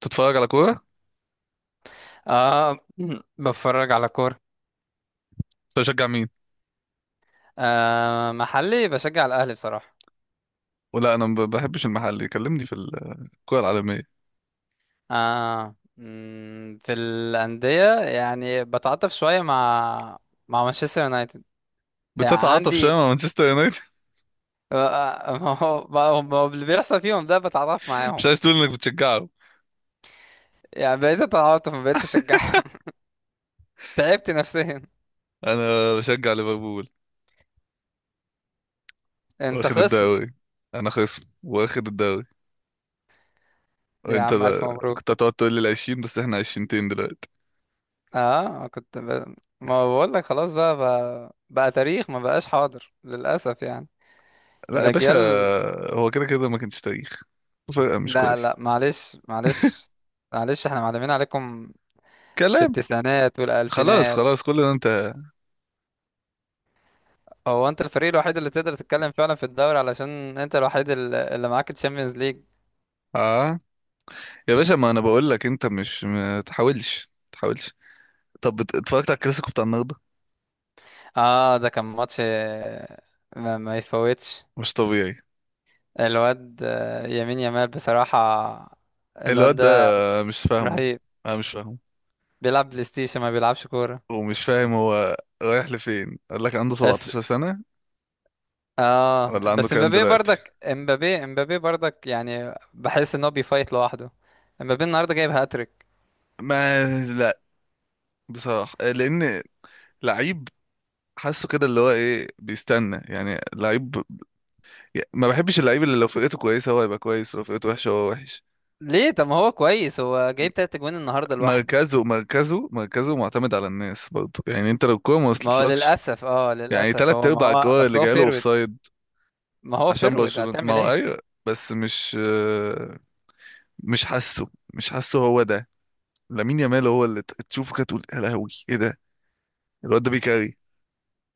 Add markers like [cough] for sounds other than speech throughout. تتفرج على كوره؟ آه، [clears throat] بتفرج على كورة. انت بتشجع مين؟ آه، محلي بشجع الأهلي بصراحة. ولا انا ما بحبش المحلي، كلمني في الكوره العالميه. آه، في الأندية، يعني بتعاطف شوية مع مانشستر يونايتد. يعني بتتعاطف شويه عندي مع مانشستر يونايتد. [laughs] ما هو اللي بيحصل فيهم ده بتعاطف [laughs] مش معاهم. عايز تقول انك بتشجعه؟ يعني بقيت اتعاطف، ما بقيتش اشجعهم. [laughs] تعبت نفسيا. انا بشجع ليفربول، انت واخد خصم. الدوري. انا خصم واخد الدوري، يا وانت عم، ألف بقى. مبروك. كنت هتقعد تقول لي العشرين، بس احنا عشرينتين دلوقتي. اه، ما بقول لك، خلاص بقى، بقى تاريخ، ما بقاش حاضر للأسف يعني. لا يا باشا، الأجيال. هو كده كده ما كانش تاريخ. فرقه مش لا، كويس. لا، معلش، معلش. معلش، احنا معلمين عليكم في كلام. التسعينات خلاص والألفينات. خلاص، كل ده انت. هو انت الفريق الوحيد اللي تقدر تتكلم فعلا في الدوري، علشان انت الوحيد اللي معاك تشامبيونز ليج. اه يا باشا، ما انا بقول لك انت مش، ما تحاولش ما تحاولش. طب اتفرجت على الكلاسيكو بتاع النهارده. اه، ده كان ماتش ما يفوتش. مش طبيعي. الواد يمين يمال بصراحة. الواد الواد ده. ده مش فاهمه. رهيب. انا مش فاهمه. بيلعب بلاي ستيشن، ما بيلعبش كورة. ومش فاهم هو رايح لفين؟ قال لك عنده بس 17 سنة؟ اه ولا عنده بس كام امبابي دلوقتي؟ برضك، امبابي، امبابي برضك، يعني بحس ان هو بيفايت لوحده. امبابي النهارده جايب هاتريك. ما لا، بصراحة لان، لعيب. حاسه كده اللي هو ايه بيستنى، يعني لعيب. ما بحبش اللعيب اللي لو فرقته كويسة هو هيبقى كويس، ولو فرقته وحشة هو وحش. ليه؟ طب ما هو كويس، هو جايب تلات اجوان النهارده لوحده. مركزه مركزه مركزه معتمد على الناس برضه، يعني انت لو الكوره ما ما هو وصلتلكش. للاسف، يعني للاسف تلات هو ما ارباع هو [laughs] الكور اللي اصل هو جايله فيرود. اوفسايد ما هو عشان فيرود، برشلونة. ما هتعمل هو ايه؟ ايوه، بس مش حاسه هو ده. لامين يامال هو اللي تشوفه كده، تقول يا لهوي ايه ده. الواد ده بيكاري.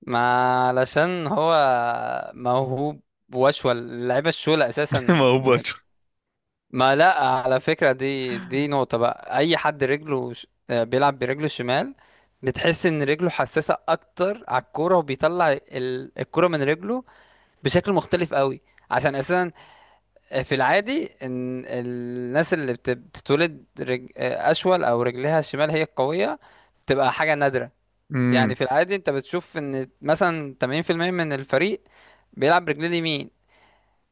ما علشان هو موهوب، وشوى اللعيبه الشولة اساسا. [laughs] ما هو م- باتشو. ما، لا، على فكره، دي نقطه بقى. اي حد رجله بيلعب برجله الشمال، بتحس ان رجله حساسه اكتر على الكوره، وبيطلع الكوره من رجله بشكل مختلف قوي. عشان اساسا في العادي ان الناس اللي بتتولد اشول، او رجلها الشمال هي القويه، بتبقى حاجه نادره. يعني امم. في العادي انت بتشوف ان مثلا 80% من الفريق بيلعب برجليه اليمين،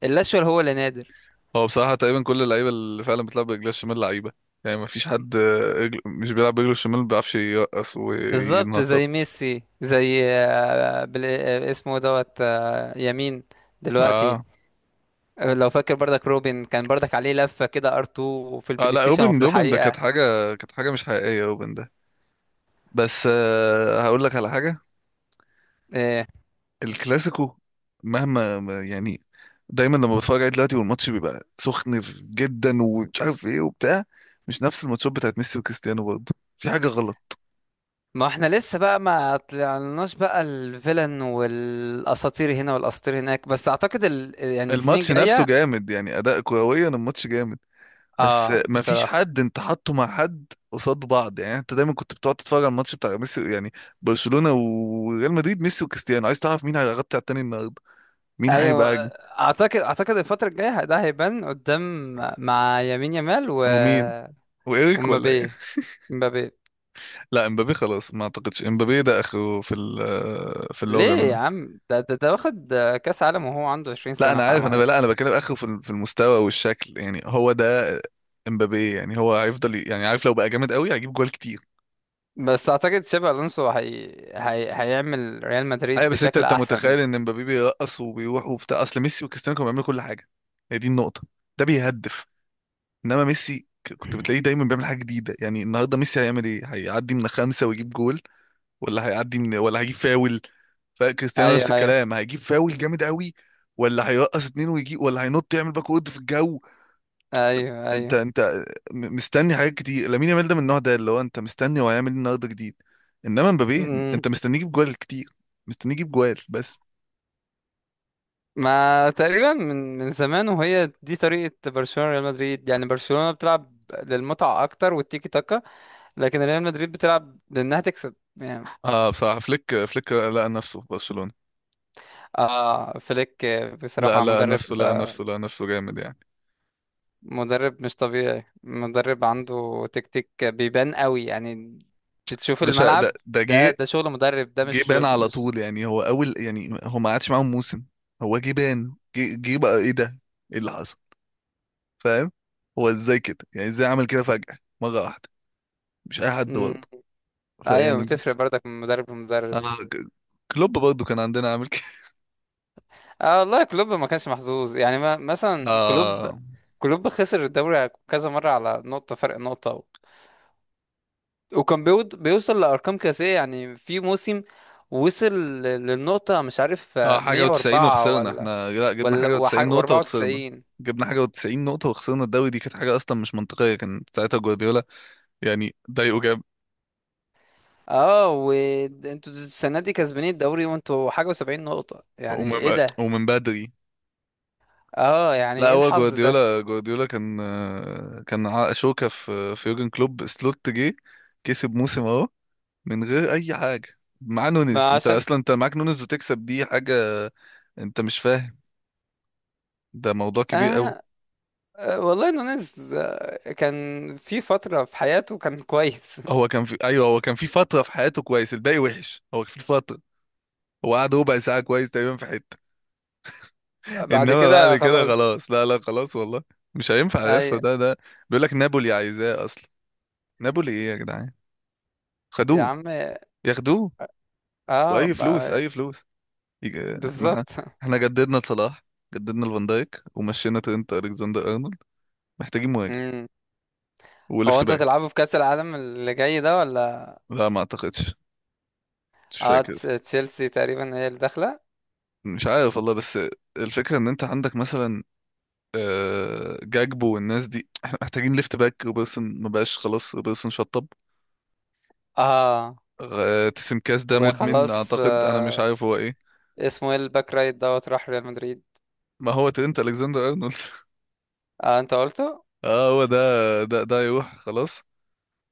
الاشول هو اللي نادر. هو بصراحه تقريبا كل اللعيبه اللي فعلا بتلعب برجلها الشمال لعيبه. يعني ما فيش حد، مش بيلعب برجله الشمال، ما بيعرفش يرقص بالظبط وينطط. زي ميسي، زي آه، بل... آه، اسمه دوت، يمين دلوقتي. اه. لو فاكر، برضك روبن كان برضك عليه لفه كده، ار2 في اه البلاي لا، ستيشن روبن وفي روبن ده كانت الحقيقه. حاجه. كانت حاجه مش حقيقيه روبن ده. بس هقول لك على حاجه. آه، الكلاسيكو، مهما يعني، دايما لما بتفرج عليه دلوقتي والماتش بيبقى سخن جدا ومش عارف ايه وبتاع، مش نفس الماتشات بتاعت ميسي وكريستيانو، برضه في حاجة غلط. ما احنا لسه بقى ما طلعناش بقى الفيلن، والاساطير هنا والاساطير هناك، بس اعتقد يعني السنين الماتش نفسه الجايه. جامد، يعني اداء كرويا الماتش جامد، بس اه، ما فيش بصراحه. حد انت حاطه مع حد قصاد بعض. يعني انت دايما كنت بتقعد تتفرج على الماتش بتاع ميسي، يعني برشلونة وريال مدريد، ميسي وكريستيانو، عايز تعرف مين هيغطي على التاني النهارده، مين ايوه. هيبقى اجمل. اعتقد الفتره الجايه ده هيبان قدام، مع يمين يامال، و... ومين، وايريك ولا إيه؟ ومبابي. مبابي. لا امبابي خلاص، ما اعتقدش امبابي ده اخره في في اللي هو ليه يا بيعمله. عم؟ ده واخد كاس عالم وهو عنده 20 لا سنه، انا حرام عارف، انا، عليك. لا انا بتكلم اخره في في المستوى والشكل، يعني هو ده امبابي. يعني هو هيفضل يعني عارف، لو بقى جامد قوي هيجيب جوال كتير. بس اعتقد شابي الونسو هيعمل ريال ايوه مدريد بس انت بشكل انت احسن. متخيل ان امبابي بيرقص وبيروح وبتاع؟ اصل ميسي وكريستيانو كانوا بيعملوا كل حاجه. هي دي النقطه. ده بيهدف، انما ميسي كنت بتلاقيه دايما بيعمل حاجه جديده. يعني النهارده ميسي هيعمل ايه، هيعدي من خمسه ويجيب جول؟ ولا هيعدي من ولا هيجيب فاول؟ فكريستيانو نفس ايوه، ايوه. الكلام، هيجيب فاول جامد قوي، ولا هيرقص اتنين ويجيب، ولا هينط يعمل باك وورد في الجو. انت ايوه، انت مستني حاجات كتير لامين يامال، ده من النوع ده اللي هو انت مستني هو هيعمل ايه النهارده جديد، انما مبابي ايوه. انت مستنيه يجيب جوال كتير، مستنيه يجيب جوال بس. ما تقريبا من زمان، وهي دي طريقة برشلونة ريال مدريد. يعني برشلونة بتلعب للمتعة أكتر والتيكي تاكا، لكن ريال مدريد بتلعب لأنها تكسب يعني. اه بصراحة، فليك فليك لقى نفسه في برشلونة. آه، فليك، لا بصراحة لا، نفسه، لا نفسه، لا نفسه جامد يعني. مدرب مش طبيعي. مدرب عنده تكتيك بيبان قوي، يعني بتشوف باشا ده الملعب. ده ده جه، ده شغل مدرب، ده جه مش بان على مش طول. يعني هو اول، يعني هو ما قعدش معاهم موسم، هو جه بان. جه جه بقى ايه ده، ايه اللي حصل؟ فاهم؟ هو ازاي كده يعني؟ ازاي عمل كده فجأة مرة واحدة؟ مش اي حد برضه مم. أيوة، فيعمل كده. بتفرق برضك من مدرب لمدرب. آه، كلوب برضه كان عندنا عامل كده. اه، والله كلوب ما كانش محظوظ يعني. ما [laughs] مثلا كلوب، اه. كلوب خسر الدوري كذا مرة على نقطة، فرق نقطة، وكان بيود بيوصل لأرقام قياسية. يعني في موسم وصل للنقطة، مش عارف اه، حاجة و90 104 وخسرنا ولا، احنا. لا، جبنا ولا حاجة و90 نقطة وخسرنا. و94. جبنا حاجة و90 نقطة وخسرنا الدوري، دي كانت حاجة أصلا مش منطقية. كان ساعتها جوارديولا، يعني ضايقه، جاب. اه، وانتوا السنة دي كسبانين الدوري وانتوا حاجة و70 نقطة، يعني ايه ومن ده؟ ومن بدري. اه، يعني لا ايه هو الحظ ده؟ جوارديولا، جوارديولا كان، كان شوكة في يورجن كلوب. سلوت جه كسب موسم اهو، من غير اي حاجه، مع ما نونز. انت عشان اصلا انت معاك نونز وتكسب، دي حاجه. انت مش فاهم، ده موضوع كبير قوي. آه والله نونيز كان في فترة في حياته كان كويس [laughs] هو كان في، ايوه هو كان في فتره في حياته كويس. الباقي وحش. هو في فتره، هو قعد ربع ساعه كويس تقريبا في حته. بعد انما بعد كده كده خلاص. خلاص. لا لا، خلاص والله، مش هينفع اي. لسه، ده ده. بيقول لك نابولي عايزاه اصلا. نابولي ايه يا جدعان؟ يا خدوه. عم. ياخدوه. اه، واي فلوس، اي فلوس. يج- احنا بالظبط [laughs] احنا جددنا لصلاح، جددنا لفان دايك، ومشينا ترينت الكسندر ارنولد. محتاجين مهاجم امم. هو وليفت انتوا باك. هتلعبوا في كأس العالم اللي جاي ده ولا؟ لا ما اعتقدش، مش اه، فاكر. تشيلسي تقريبا هي اللي داخله. مش عارف والله، بس الفكرة ان انت عندك مثلا، جاكبو والناس دي. احنا محتاجين ليفت باك. روبرتسون ما بقاش خلاص، روبرتسون شطب. اه، تسم كاس ده مدمن وخلاص. اعتقد، انا مش عارف هو ايه. اسمه ايه الباك رايت دوت؟ راح ريال مدريد. ما هو ترينت الكسندر ارنولد. اه، انت قلته. [laughs] اه، هو ده يروح خلاص.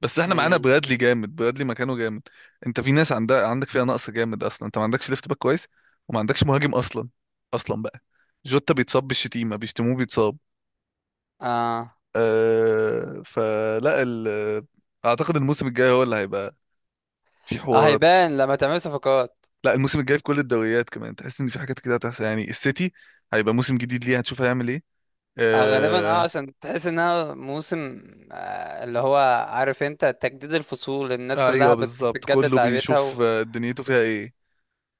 بس احنا معانا امم. برادلي جامد، برادلي مكانه جامد. انت في ناس عندك فيها نقص جامد اصلا. انت ما عندكش ليفت باك كويس، وما عندكش مهاجم اصلا اصلا بقى. جوتا بيتصاب، بالشتيمة بيشتموه بيتصاب. اه. أه فلا. ال... اعتقد الموسم الجاي هو اللي هيبقى في اه، حوار. هيبان لما تعمل صفقات. لا الموسم الجاي في كل الدوريات كمان، تحس ان في حاجات كده هتحصل. يعني السيتي هيبقى موسم جديد ليه، هتشوف هيعمل ايه. غالبا، أه، عشان تحس انها موسم، اللي هو عارف انت، تجديد الفصول، الناس كلها ايوه بالظبط، بتجدد كله لعبتها، بيشوف دنيته فيها ايه.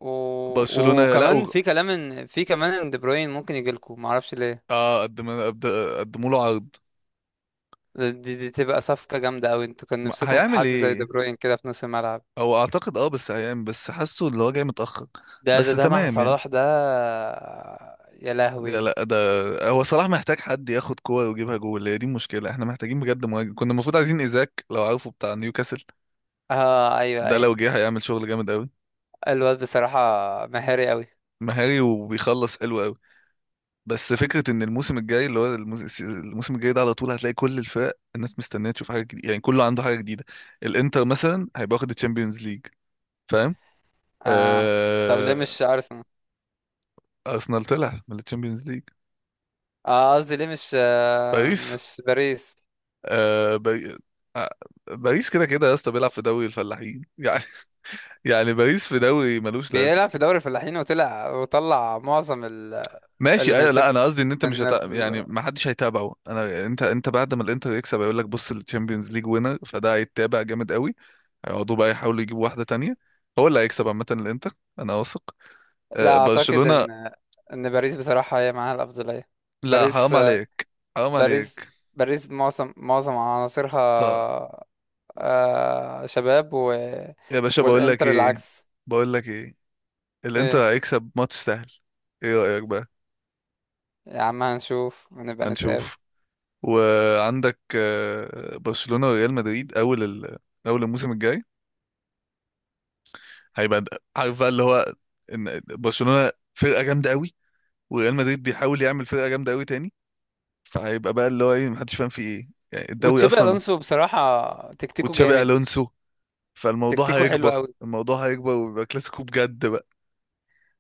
و... برشلونة. لا وكمان في كلام ان، في كمان ان دي بروين ممكن يجي لكم، ما اعرفش ليه. اه، قدم، قدموا له عرض. دي تبقى صفقة جامدة قوي. انتوا كان نفسكم في هيعمل حد زي دي ايه؟ بروين كده في نص الملعب. هو اعتقد، بس هيعمل، بس حاسه اللي هو جاي متأخر، ده بس ده ده مع تمام يعني. صلاح ده، يا لا لهوي. لا، ده هو صلاح محتاج حد ياخد كوره ويجيبها جول، هي دي المشكله. احنا محتاجين بجد مهاجم، كنا المفروض عايزين ايزاك لو عارفه بتاع نيوكاسل. اه، ايوه، ده ايوه. لو جه هيعمل شغل جامد قوي. الواد بصراحة مهاري قوي. مهاري وبيخلص حلو قوي. بس فكره ان الموسم الجاي، اللي هو الموسم الجاي ده، على طول هتلاقي كل الفرق الناس مستنيه تشوف حاجه جديده. يعني كله عنده حاجه جديده. الانتر مثلا هيبقى واخد الشامبيونز ليج، فاهم؟ اه، طب ليه آه. مش ارسنال؟ ارسنال طلع من الشامبيونز ليج. اه، قصدي ليه مش باريس. باريس؟ آه... باري... آه، باريس كده كده يا اسطى، بيلعب في دوري الفلاحين يعني. يعني باريس في دوري ملوش لازمه. بيلعب في دوري الفلاحين، وطلع معظم اللي ماشي من ايوه. لا انا الشمس، قصدي ان انت مش، من هت... يعني ال- ما حدش هيتابعه. انا، انت بعد ما الانتر يكسب هيقول لك، بص، الشامبيونز ليج وينر، فده هيتابع جامد قوي. هيقعدوا بقى يحاولوا يجيبوا واحده تانية. هو اللي هيكسب عامه الانتر، انا واثق. لا آه، اعتقد برشلونه. ان باريس بصراحه هي معاها الافضليه. لا باريس، حرام عليك، حرام باريس عليك. باريس معظم عناصرها طب شباب يا باشا، بقول لك والانتر ايه، العكس. بقول لك ايه، الانتر ايه؟ هيكسب ماتش سهل. ايه رايك بقى؟ يا عم، هنشوف ونبقى نتقابل. هنشوف. وعندك، برشلونه وريال مدريد اول ال... اول الموسم الجاي، هيبقى عارف بقى اللي هو، ان برشلونه فرقه جامده قوي، وريال مدريد بيحاول يعمل فرقه جامده قوي تاني. فهيبقى بقى اللي هو ايه، محدش فاهم فيه ايه يعني الدوري وتشابي اصلا. الونسو بصراحه تكتيكه وتشابي جامد، الونسو. فالموضوع تكتيكه حلو هيكبر، قوي. الموضوع هيكبر، ويبقى كلاسيكو بجد بقى.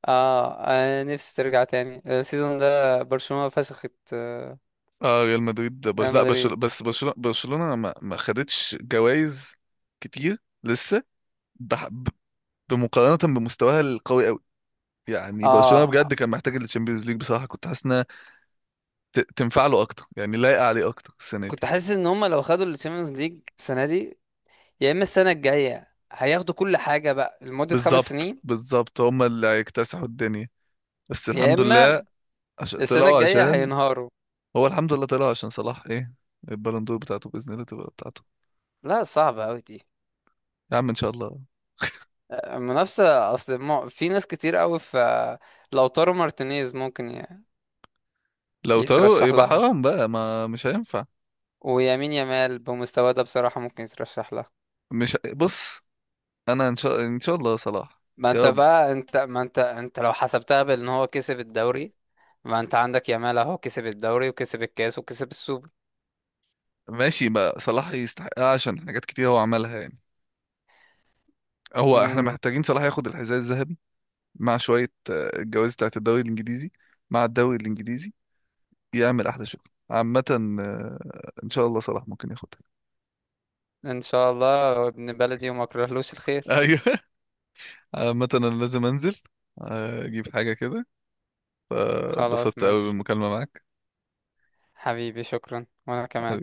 اه، انا نفسي ترجع تاني السيزون ده، برشلونه فشخت اه ريال مدريد، بس ريال لا مدريد. برشلونه، بس برشلونه ما خدتش جوائز كتير لسه. بح... ب- بمقارنه بمستواها القوي قوي. يعني برشلونه اه، بجد كان محتاج التشامبيونز ليج، بصراحه كنت حاسس انها تنفع له اكتر، يعني لايقه عليه اكتر السنه دي. كنت حاسس ان هم لو خدوا الشامبيونز ليج السنه دي، يا اما السنه الجايه هياخدوا كل حاجه بقى لمده خمس بالظبط سنين بالظبط، هم اللي هيكتسحوا الدنيا، بس يا الحمد لله اما عشان السنه طلعوا، الجايه عشان. هينهاروا. هو الحمد لله طلعوا عشان صلاح، ايه، البالون دور بتاعته باذن الله تبقى بتاعته. لا، صعبه قوي دي. يا عم ان شاء الله. منافسه اصل، في ناس كتير قوي في. لوتارو مارتينيز ممكن لو طارق يترشح يبقى لها. حرام بقى، ما مش هينفع. ويمين يامال بمستواه ده بصراحه ممكن يترشح لها. مش بص، انا ان شاء الله صلاح. ما انت يا رب. بقى، انت ما انت لو حسبتها، بان هو كسب الدوري. ما انت عندك يامال اهو كسب الدوري، وكسب الكاس، وكسب السوبر. ماشي، ما صلاح يستحقها عشان حاجات كتير هو عملها يعني. هو احنا امم. محتاجين صلاح ياخد الحذاء الذهبي، مع شويه، الجوائز بتاعت الدوري الانجليزي، مع الدوري الانجليزي، يعمل احلى شغل. عامه، آه، ان شاء الله صلاح ممكن ياخد. ان شاء الله، ابن بلدي وما اكرهلوش الخير. ايوه [laughs] عامة انا لازم انزل، آه، اجيب حاجة كده، خلاص، فبسطت قوي ماشي. بالمكالمة معاك. حبيبي، شكرا، وأنا كمان.